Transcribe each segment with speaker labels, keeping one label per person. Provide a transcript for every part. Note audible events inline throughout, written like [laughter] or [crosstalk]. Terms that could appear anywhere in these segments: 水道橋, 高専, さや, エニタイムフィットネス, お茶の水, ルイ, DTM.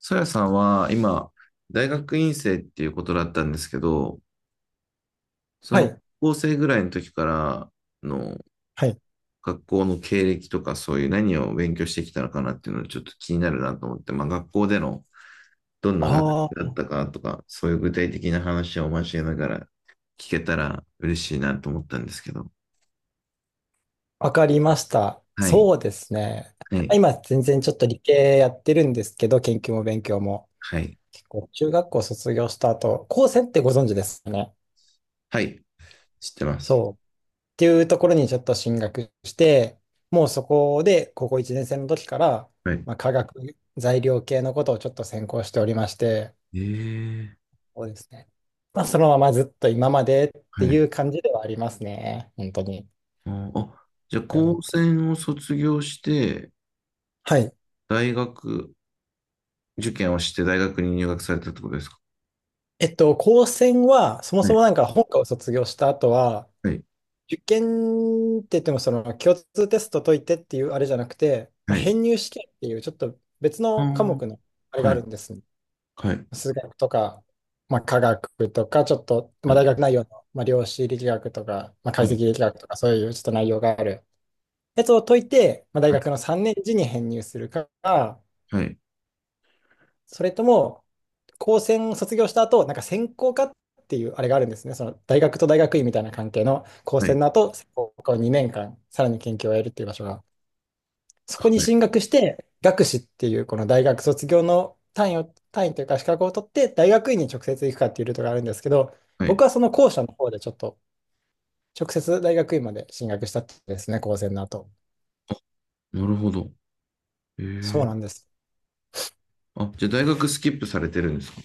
Speaker 1: さやさんは今、大学院生っていうことだったんですけど、そ
Speaker 2: は
Speaker 1: の
Speaker 2: い、
Speaker 1: 高校生ぐらいの時からの
Speaker 2: はい。
Speaker 1: 学校の経歴とかそういう何を勉強してきたのかなっていうのがちょっと気になるなと思って、まあ学校でのどんな学
Speaker 2: あ
Speaker 1: 科だっ
Speaker 2: あ、
Speaker 1: たかとか、そういう具体的な話を交えながら聞けたら嬉しいなと思ったんですけど。
Speaker 2: わかりました。
Speaker 1: はい、
Speaker 2: そうですね。
Speaker 1: はい、
Speaker 2: 今、全然ちょっと理系やってるんですけど、研究も勉強も。
Speaker 1: はい、
Speaker 2: 結構、中学校卒業した後、高専ってご存知ですよね。
Speaker 1: はい、知ってます。
Speaker 2: そう。っていうところにちょっと進学して、もうそこで、高校1年生の時から、
Speaker 1: はい。
Speaker 2: まあ、化学材料系のことをちょっと専攻しておりまして、
Speaker 1: ええ、
Speaker 2: そうですね。まあ、そのままずっと今までって
Speaker 1: は
Speaker 2: い
Speaker 1: い。
Speaker 2: う感じではありますね。本当に。
Speaker 1: あ、じゃあ
Speaker 2: は
Speaker 1: 高専を卒業して、
Speaker 2: い。
Speaker 1: 大学受験をして大学に入学されたってことですか？
Speaker 2: 高専は、そも
Speaker 1: は
Speaker 2: そ
Speaker 1: い、
Speaker 2: もなんか本科を卒業した後は、
Speaker 1: はい、
Speaker 2: 受験って言っても、その共通テスト解いてっていうあれじゃなくて、まあ、
Speaker 1: はい。
Speaker 2: 編入試験っていうちょっと別
Speaker 1: は
Speaker 2: の科
Speaker 1: あ、
Speaker 2: 目のあれが
Speaker 1: は
Speaker 2: あ
Speaker 1: い、
Speaker 2: るんですね。
Speaker 1: はい、
Speaker 2: 数学とか、まあ、科学とか、ちょっと、ま
Speaker 1: は
Speaker 2: あ、大
Speaker 1: い、
Speaker 2: 学内容の、まあ、量子力学とか、まあ、解
Speaker 1: は
Speaker 2: 析
Speaker 1: い、
Speaker 2: 力学とか、そういうちょっと内容があるやつを解いて、まあ、大
Speaker 1: はい、
Speaker 2: 学の3年次に編入するか、
Speaker 1: はい、
Speaker 2: それとも、高専卒業した後、なんか専攻科っていうあれがあるんですね。その大学と大学院みたいな関係の高
Speaker 1: は
Speaker 2: 専
Speaker 1: い、
Speaker 2: の後、専攻科を2年間、さらに研究をやるっていう場所が、そこに
Speaker 1: はい
Speaker 2: 進学して、学士っていうこの大学卒業の単位を、単位というか資格を取って、大学院に直接行くかっていうルートがあるんですけど、
Speaker 1: はい。
Speaker 2: 僕はその後者の方でちょっと直接大学院まで進学したってですね、高専の後。
Speaker 1: なるほど。え
Speaker 2: そう
Speaker 1: え。
Speaker 2: なんです。
Speaker 1: あ、じゃあ大学スキップされてるんですか？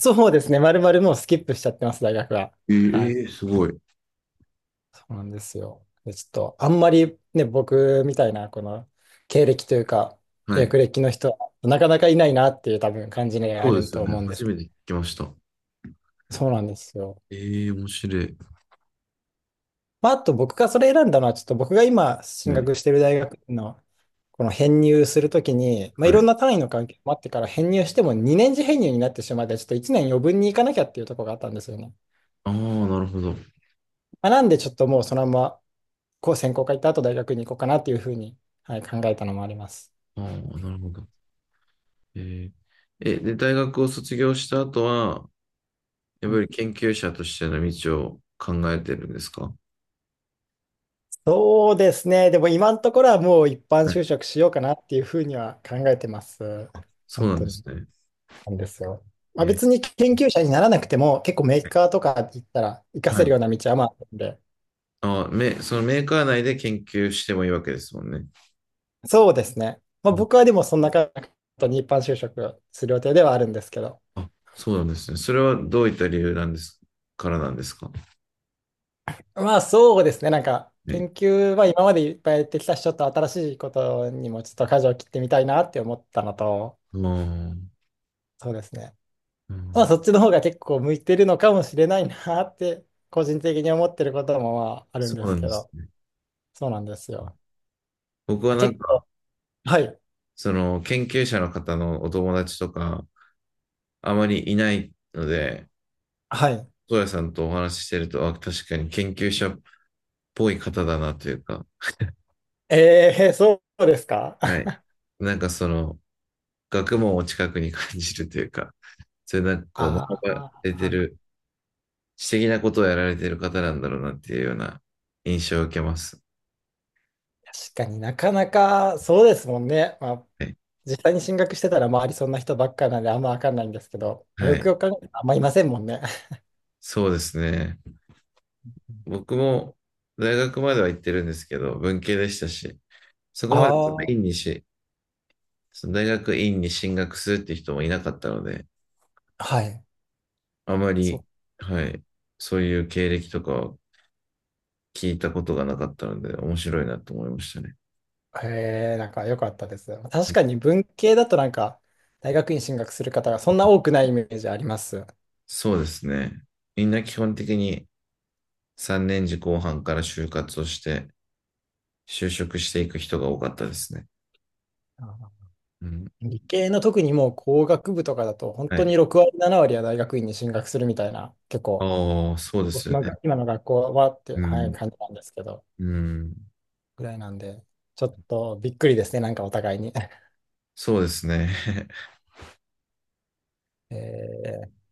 Speaker 2: そうですね、まるまるもうスキップしちゃってます、大学は。
Speaker 1: え
Speaker 2: はい。
Speaker 1: えー、すごい。
Speaker 2: そうなんですよ。で、ちょっと、あんまりね、僕みたいな、この経歴というか、
Speaker 1: はい。
Speaker 2: 略歴の人は、なかなかいないなっていう多分感じがあ
Speaker 1: そうで
Speaker 2: る
Speaker 1: すよ
Speaker 2: と思
Speaker 1: ね。
Speaker 2: うんで
Speaker 1: 初
Speaker 2: すけ
Speaker 1: めて聞きました。
Speaker 2: ど、そうなんですよ。
Speaker 1: ええ、面白い。
Speaker 2: まあ、あと僕がそれ選んだのは、ちょっと僕が今進
Speaker 1: はい、
Speaker 2: 学してる大学の、この編入するときに、まあ、い
Speaker 1: は
Speaker 2: ろ
Speaker 1: い。
Speaker 2: んな単位の関係もあってから編入しても2年次編入になってしまって、ちょっと1年余分に行かなきゃっていうところがあったんですよね。
Speaker 1: ああ、なるほど。
Speaker 2: まあ、なんでちょっともうそのまま、こう専攻科行った後大学に行こうかなっていうふうに、はい、考えたのもあります。
Speaker 1: ああ、なるほど。えええ、で、大学を卒業した後は、やっぱり研究者としての道を考えてるんですか？
Speaker 2: そうですね。でも今のところはもう一般
Speaker 1: はい、
Speaker 2: 就職しようかなっていうふうには考えてます。
Speaker 1: あ、そう
Speaker 2: 本
Speaker 1: なん
Speaker 2: 当
Speaker 1: です
Speaker 2: に。
Speaker 1: ね。
Speaker 2: なんですよ。ま
Speaker 1: え
Speaker 2: あ、
Speaker 1: ー、
Speaker 2: 別に研究者にならなくても結構メーカーとか行ったら活か
Speaker 1: は
Speaker 2: せるよ
Speaker 1: い。
Speaker 2: うな道はまああるんで。
Speaker 1: あ、め、そのメーカー内で研究してもいいわけですもんね。
Speaker 2: そうですね。まあ、
Speaker 1: うん、
Speaker 2: 僕はでもそんな感じに一般就職する予定ではあるんですけど。
Speaker 1: あ、そうなんですね。それはどういった理由なんですか
Speaker 2: まあそうですね。なんか
Speaker 1: ね。
Speaker 2: 研究は今までいっぱいやってきたし、ちょっと新しいことにもちょっと舵を切ってみたいなって思ったのと、
Speaker 1: あー、
Speaker 2: そうですね。
Speaker 1: う
Speaker 2: まあ、
Speaker 1: ん、
Speaker 2: そっちの方が結構向いてるのかもしれないなって、[laughs] 個人的に思ってることもまああるん
Speaker 1: そ
Speaker 2: で
Speaker 1: う
Speaker 2: す
Speaker 1: なん
Speaker 2: け
Speaker 1: です
Speaker 2: ど、
Speaker 1: ね。
Speaker 2: そうなんですよ。
Speaker 1: 僕は
Speaker 2: あ、
Speaker 1: なん
Speaker 2: 結
Speaker 1: か、
Speaker 2: 構、はい、
Speaker 1: その研究者の方のお友達とか、あまりいないので、
Speaker 2: はい。
Speaker 1: うやさんとお話ししてると、あ、確かに研究者っぽい方だなというか、
Speaker 2: ええ、そうですか。
Speaker 1: は
Speaker 2: [laughs]
Speaker 1: い。なんかその、学問を近くに感じるというか、そういうなんかこう、学
Speaker 2: あ
Speaker 1: ばれて
Speaker 2: あ、
Speaker 1: る、知的なことをやられてる方なんだろうなっていうような印象を受けます。
Speaker 2: 確かになかなかそうですもんね。まあ、
Speaker 1: はい。
Speaker 2: 実際に進学してたら周りそんな人ばっかなんであんまわかんないんですけど、
Speaker 1: は
Speaker 2: よ
Speaker 1: い。
Speaker 2: くよく考えたらあんまいませんもんね。[laughs]
Speaker 1: そうですね。僕も大学までは行ってるんですけど、文系でしたし、そこまでその
Speaker 2: あ
Speaker 1: 院
Speaker 2: あ、
Speaker 1: にし、その大学院に進学するって人もいなかったので、
Speaker 2: はい。
Speaker 1: あまり、はい、そういう経歴とかを聞いたことがなかったので、面白いなと思いましたね。
Speaker 2: へえ、なんか良かったです。確かに文系だとなんか、大学院進学する方がそんな多くないイメージあります。あ
Speaker 1: そうですね。みんな基本的に3年次後半から就活をして、就職していく人が多かったですね。うん。
Speaker 2: ー、理系の特にもう工学部とかだと、本
Speaker 1: は
Speaker 2: 当に
Speaker 1: い。
Speaker 2: 6割、7割は大学院に進学するみたいな、結構、
Speaker 1: ああ、そうです
Speaker 2: 僕
Speaker 1: よ
Speaker 2: のが
Speaker 1: ね。
Speaker 2: 今の学校はって、
Speaker 1: う
Speaker 2: はい、
Speaker 1: ん。
Speaker 2: 感じなんですけど、
Speaker 1: うん。
Speaker 2: ぐらいなんで、ちょっとびっくりですね、なんかお互いに。[laughs]
Speaker 1: そうですね。[laughs]
Speaker 2: えー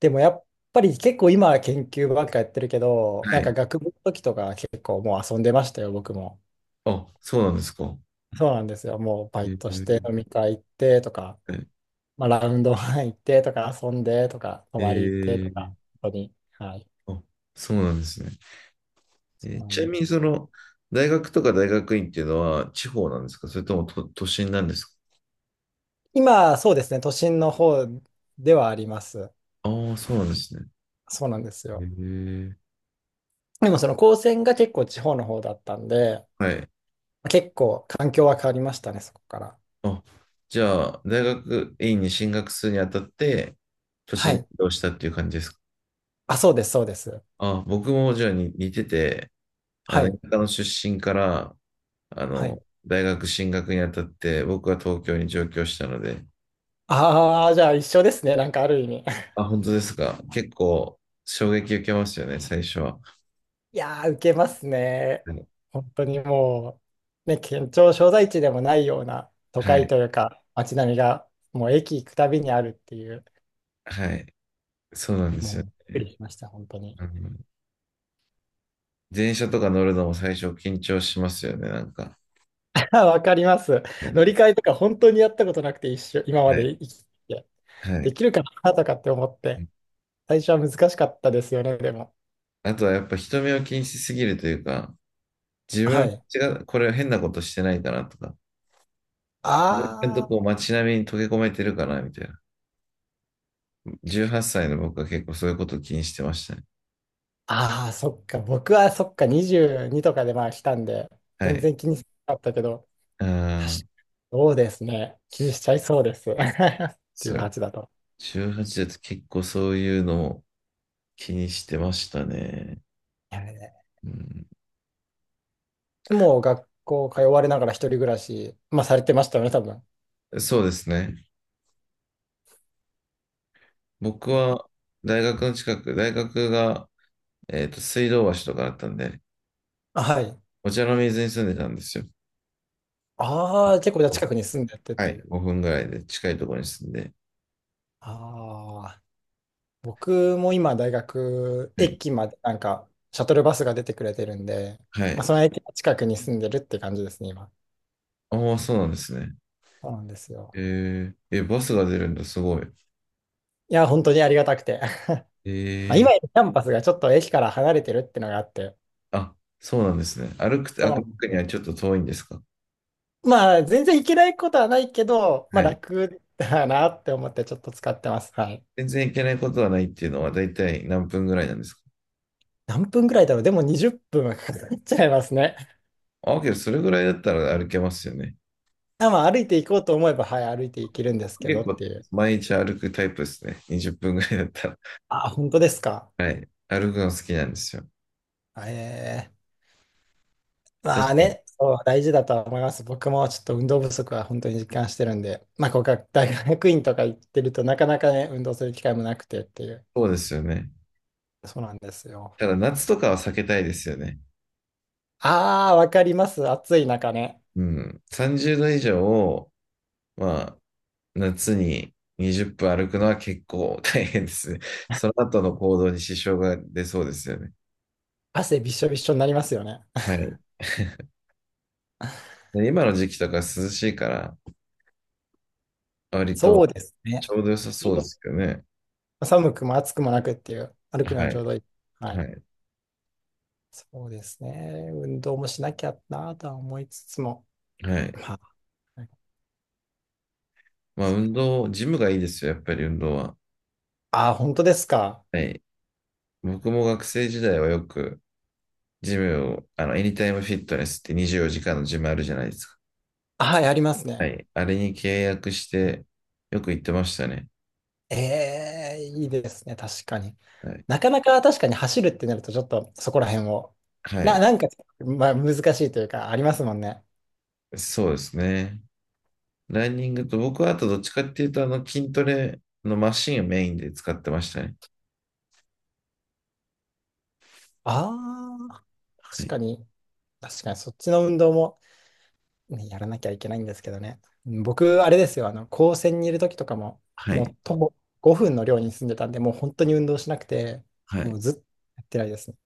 Speaker 2: でもやっぱり結構今は研究ばっかやってるけど、
Speaker 1: は
Speaker 2: なんか
Speaker 1: い。
Speaker 2: 学部の時とか結構もう遊んでましたよ、僕も。
Speaker 1: あ、そうなんですか。
Speaker 2: そうなんですよ。もうバ
Speaker 1: え
Speaker 2: イトして
Speaker 1: ー、
Speaker 2: 飲み会行ってとか、
Speaker 1: はい。
Speaker 2: まあ、ラウンドワン行ってとか、遊んでとか、泊
Speaker 1: え
Speaker 2: まり行ってと
Speaker 1: ー、
Speaker 2: か、本当に。はい。
Speaker 1: あ、そうなんですね。
Speaker 2: そうなん
Speaker 1: ちな
Speaker 2: で
Speaker 1: みに、
Speaker 2: す。
Speaker 1: その、大学とか大学院っていうのは地方なんですか？それとも都心なんですか？
Speaker 2: 今、そうですね。都心の方ではあります。
Speaker 1: ああー、そうなんですね。
Speaker 2: そうなんです
Speaker 1: え
Speaker 2: よ。
Speaker 1: ー、
Speaker 2: でもその高専が結構地方の方だったんで、
Speaker 1: はい。
Speaker 2: 結構環境は変わりましたね、そこから。
Speaker 1: あ、じゃあ、大学院に進学するにあたって、都
Speaker 2: は
Speaker 1: 心に
Speaker 2: い。
Speaker 1: 移動したっていう感じですか？
Speaker 2: あ、そうです、そうです。
Speaker 1: あ、僕もじゃあに似てて、
Speaker 2: はい。
Speaker 1: 田舎の出身から、
Speaker 2: はい。
Speaker 1: 大学進学にあたって、僕は東京に上京したので、
Speaker 2: ああ、じゃあ一緒ですね。なんかある意味。
Speaker 1: あ、本当ですか。結構衝撃受けますよね、最初は。
Speaker 2: いやー、受けますね。本当にもう、ね、県庁所在地でもないような都
Speaker 1: は
Speaker 2: 会
Speaker 1: い、
Speaker 2: というか、街並みが、もう駅行くたびにあるっていう、
Speaker 1: はい、はい、そうなんですよ
Speaker 2: もう、びっく
Speaker 1: ね。
Speaker 2: りしました、本当に。
Speaker 1: うん、電車とか乗るのも最初緊張しますよね、なんか。
Speaker 2: [laughs] わかります。
Speaker 1: ね、
Speaker 2: 乗り換えとか本当にやったことなくて、一緒、今ま
Speaker 1: はい、
Speaker 2: で生きてきて、
Speaker 1: はい。は
Speaker 2: で
Speaker 1: い、
Speaker 2: きるかなとかって思って、最初は難しかったですよね、でも。
Speaker 1: あとはやっぱ人目を気にしすぎるというか、自
Speaker 2: は
Speaker 1: 分
Speaker 2: い。
Speaker 1: 間違う、これ変なことしてないかなとか、自分のと
Speaker 2: あ
Speaker 1: こ
Speaker 2: ー、
Speaker 1: 街並みに溶け込めてるかな、みたいな。18歳の僕は結構そういうことを気にしてましたね。
Speaker 2: あー、そっか、僕はそっか、22とかでまあ来たんで、
Speaker 1: は
Speaker 2: 全
Speaker 1: い。
Speaker 2: 然気にしなかったけど、
Speaker 1: あ
Speaker 2: 確
Speaker 1: あ、
Speaker 2: かそうですね。気にしちゃいそうです。[laughs]
Speaker 1: そう。
Speaker 2: 18だと。
Speaker 1: 18だと結構そういうのを気にしてましたね。
Speaker 2: いやね、
Speaker 1: うん、
Speaker 2: でも、学校通われながら一人暮らし、まあ、されてましたよね、多分。
Speaker 1: そうですね。僕は大学の近く、大学が、水道橋とかだったんで、
Speaker 2: あ、はい。
Speaker 1: お茶の水に住んでたんですよ。
Speaker 2: ああ、結構じゃあ近くに住んでてっ
Speaker 1: は
Speaker 2: てい
Speaker 1: い。
Speaker 2: う。
Speaker 1: 5分ぐらいで近いところに住んで。
Speaker 2: ああ、僕も今、大学、
Speaker 1: はい。
Speaker 2: 駅まで、なんか、シャトルバスが出てくれてるんで、
Speaker 1: は
Speaker 2: まあ、
Speaker 1: い。
Speaker 2: その駅の近くに住んでるって感じですね、今。
Speaker 1: ああ、そうなんですね。
Speaker 2: そうなんですよ。
Speaker 1: えー、え、バスが出るんだ、すごい。
Speaker 2: いや、本当にありがたくて。[laughs] まあ、
Speaker 1: え
Speaker 2: 今、
Speaker 1: ー、
Speaker 2: キャンパスがちょっと駅から離れてるってのがあって、
Speaker 1: あ、そうなんですね。
Speaker 2: そうな
Speaker 1: 歩
Speaker 2: んで
Speaker 1: く
Speaker 2: す
Speaker 1: に
Speaker 2: よ。
Speaker 1: はちょっと遠いんですか？
Speaker 2: まあ、全然いけないことはないけど、ま
Speaker 1: は
Speaker 2: あ
Speaker 1: い。
Speaker 2: 楽だなって思ってちょっと使ってます。はい。
Speaker 1: 全然行けないことはないっていうのは大体何分ぐらいなんですか？
Speaker 2: 何分ぐらいだろう。でも20分はかかっちゃいますね。
Speaker 1: あ、けどそれぐらいだったら歩けますよね。
Speaker 2: [laughs] あ、まあ歩いていこうと思えば、はい、歩いていけるんです
Speaker 1: 僕
Speaker 2: け
Speaker 1: 結
Speaker 2: どっ
Speaker 1: 構
Speaker 2: ていう。
Speaker 1: 毎日歩くタイプですね。20分ぐらいだったら。
Speaker 2: あ、本当ですか。
Speaker 1: はい。歩くの好きなんですよ。
Speaker 2: ええ、ま
Speaker 1: 確
Speaker 2: あ
Speaker 1: かに。
Speaker 2: ね、そう、大事だとは思います。僕もちょっと運動不足は本当に実感してるんで、まあ、こうか、大学院とか行ってるとなかなかね、運動する機会もなくてっていう。
Speaker 1: そうですよね。
Speaker 2: そうなんですよ。
Speaker 1: ただ夏とかは避けたいですよね。
Speaker 2: ああ、わかります。暑い中ね。
Speaker 1: うん。30度以上を、まあ、夏に20分歩くのは結構大変ですね。その後の行動に支障が出そうですよね。
Speaker 2: 汗びっしょびっしょになりますよね。
Speaker 1: はい。[laughs] で今の時期とか涼しいから、割
Speaker 2: そう
Speaker 1: と
Speaker 2: ですね。
Speaker 1: ちょうど良さ
Speaker 2: ちょう
Speaker 1: そうで
Speaker 2: ど
Speaker 1: すけどね。
Speaker 2: 寒くも暑くもなくっていう、歩くの
Speaker 1: は
Speaker 2: にちょう
Speaker 1: い。
Speaker 2: どいい。は
Speaker 1: は
Speaker 2: い。
Speaker 1: い。
Speaker 2: そうですね。運動もしなきゃなとは思いつつも。
Speaker 1: はい。
Speaker 2: まあ、
Speaker 1: まあ、運動、ジムがいいですよ、やっぱり運動は。
Speaker 2: あー、本当ですか。
Speaker 1: はい。僕も学生時代はよく、ジムを、エニタイムフィットネスって24時間のジムあるじゃないですか。
Speaker 2: はい、あります
Speaker 1: は
Speaker 2: ね。
Speaker 1: い。あれに契約して、よく行ってましたね。
Speaker 2: ええ、いいですね。確かに。
Speaker 1: はい。
Speaker 2: なかなか確かに走るってなると、ちょっとそこら辺を。
Speaker 1: はい。
Speaker 2: なんか、まあ、難しいというか、ありますもんね。
Speaker 1: そうですね。ランニングと、僕はあとどっちかっていうと、筋トレのマシンをメインで使ってましたね。
Speaker 2: ああ、
Speaker 1: は
Speaker 2: 確
Speaker 1: い。
Speaker 2: かに。確かに、そっちの運動もね、やらなきゃいけないんですけどね。僕、あれですよ、あの、高専にいる時とかも、
Speaker 1: は
Speaker 2: も
Speaker 1: い。
Speaker 2: う徒歩5分の寮に住んでたんで、もう本当に運動しなくて、
Speaker 1: は
Speaker 2: も
Speaker 1: い。
Speaker 2: うずっとやってないですね。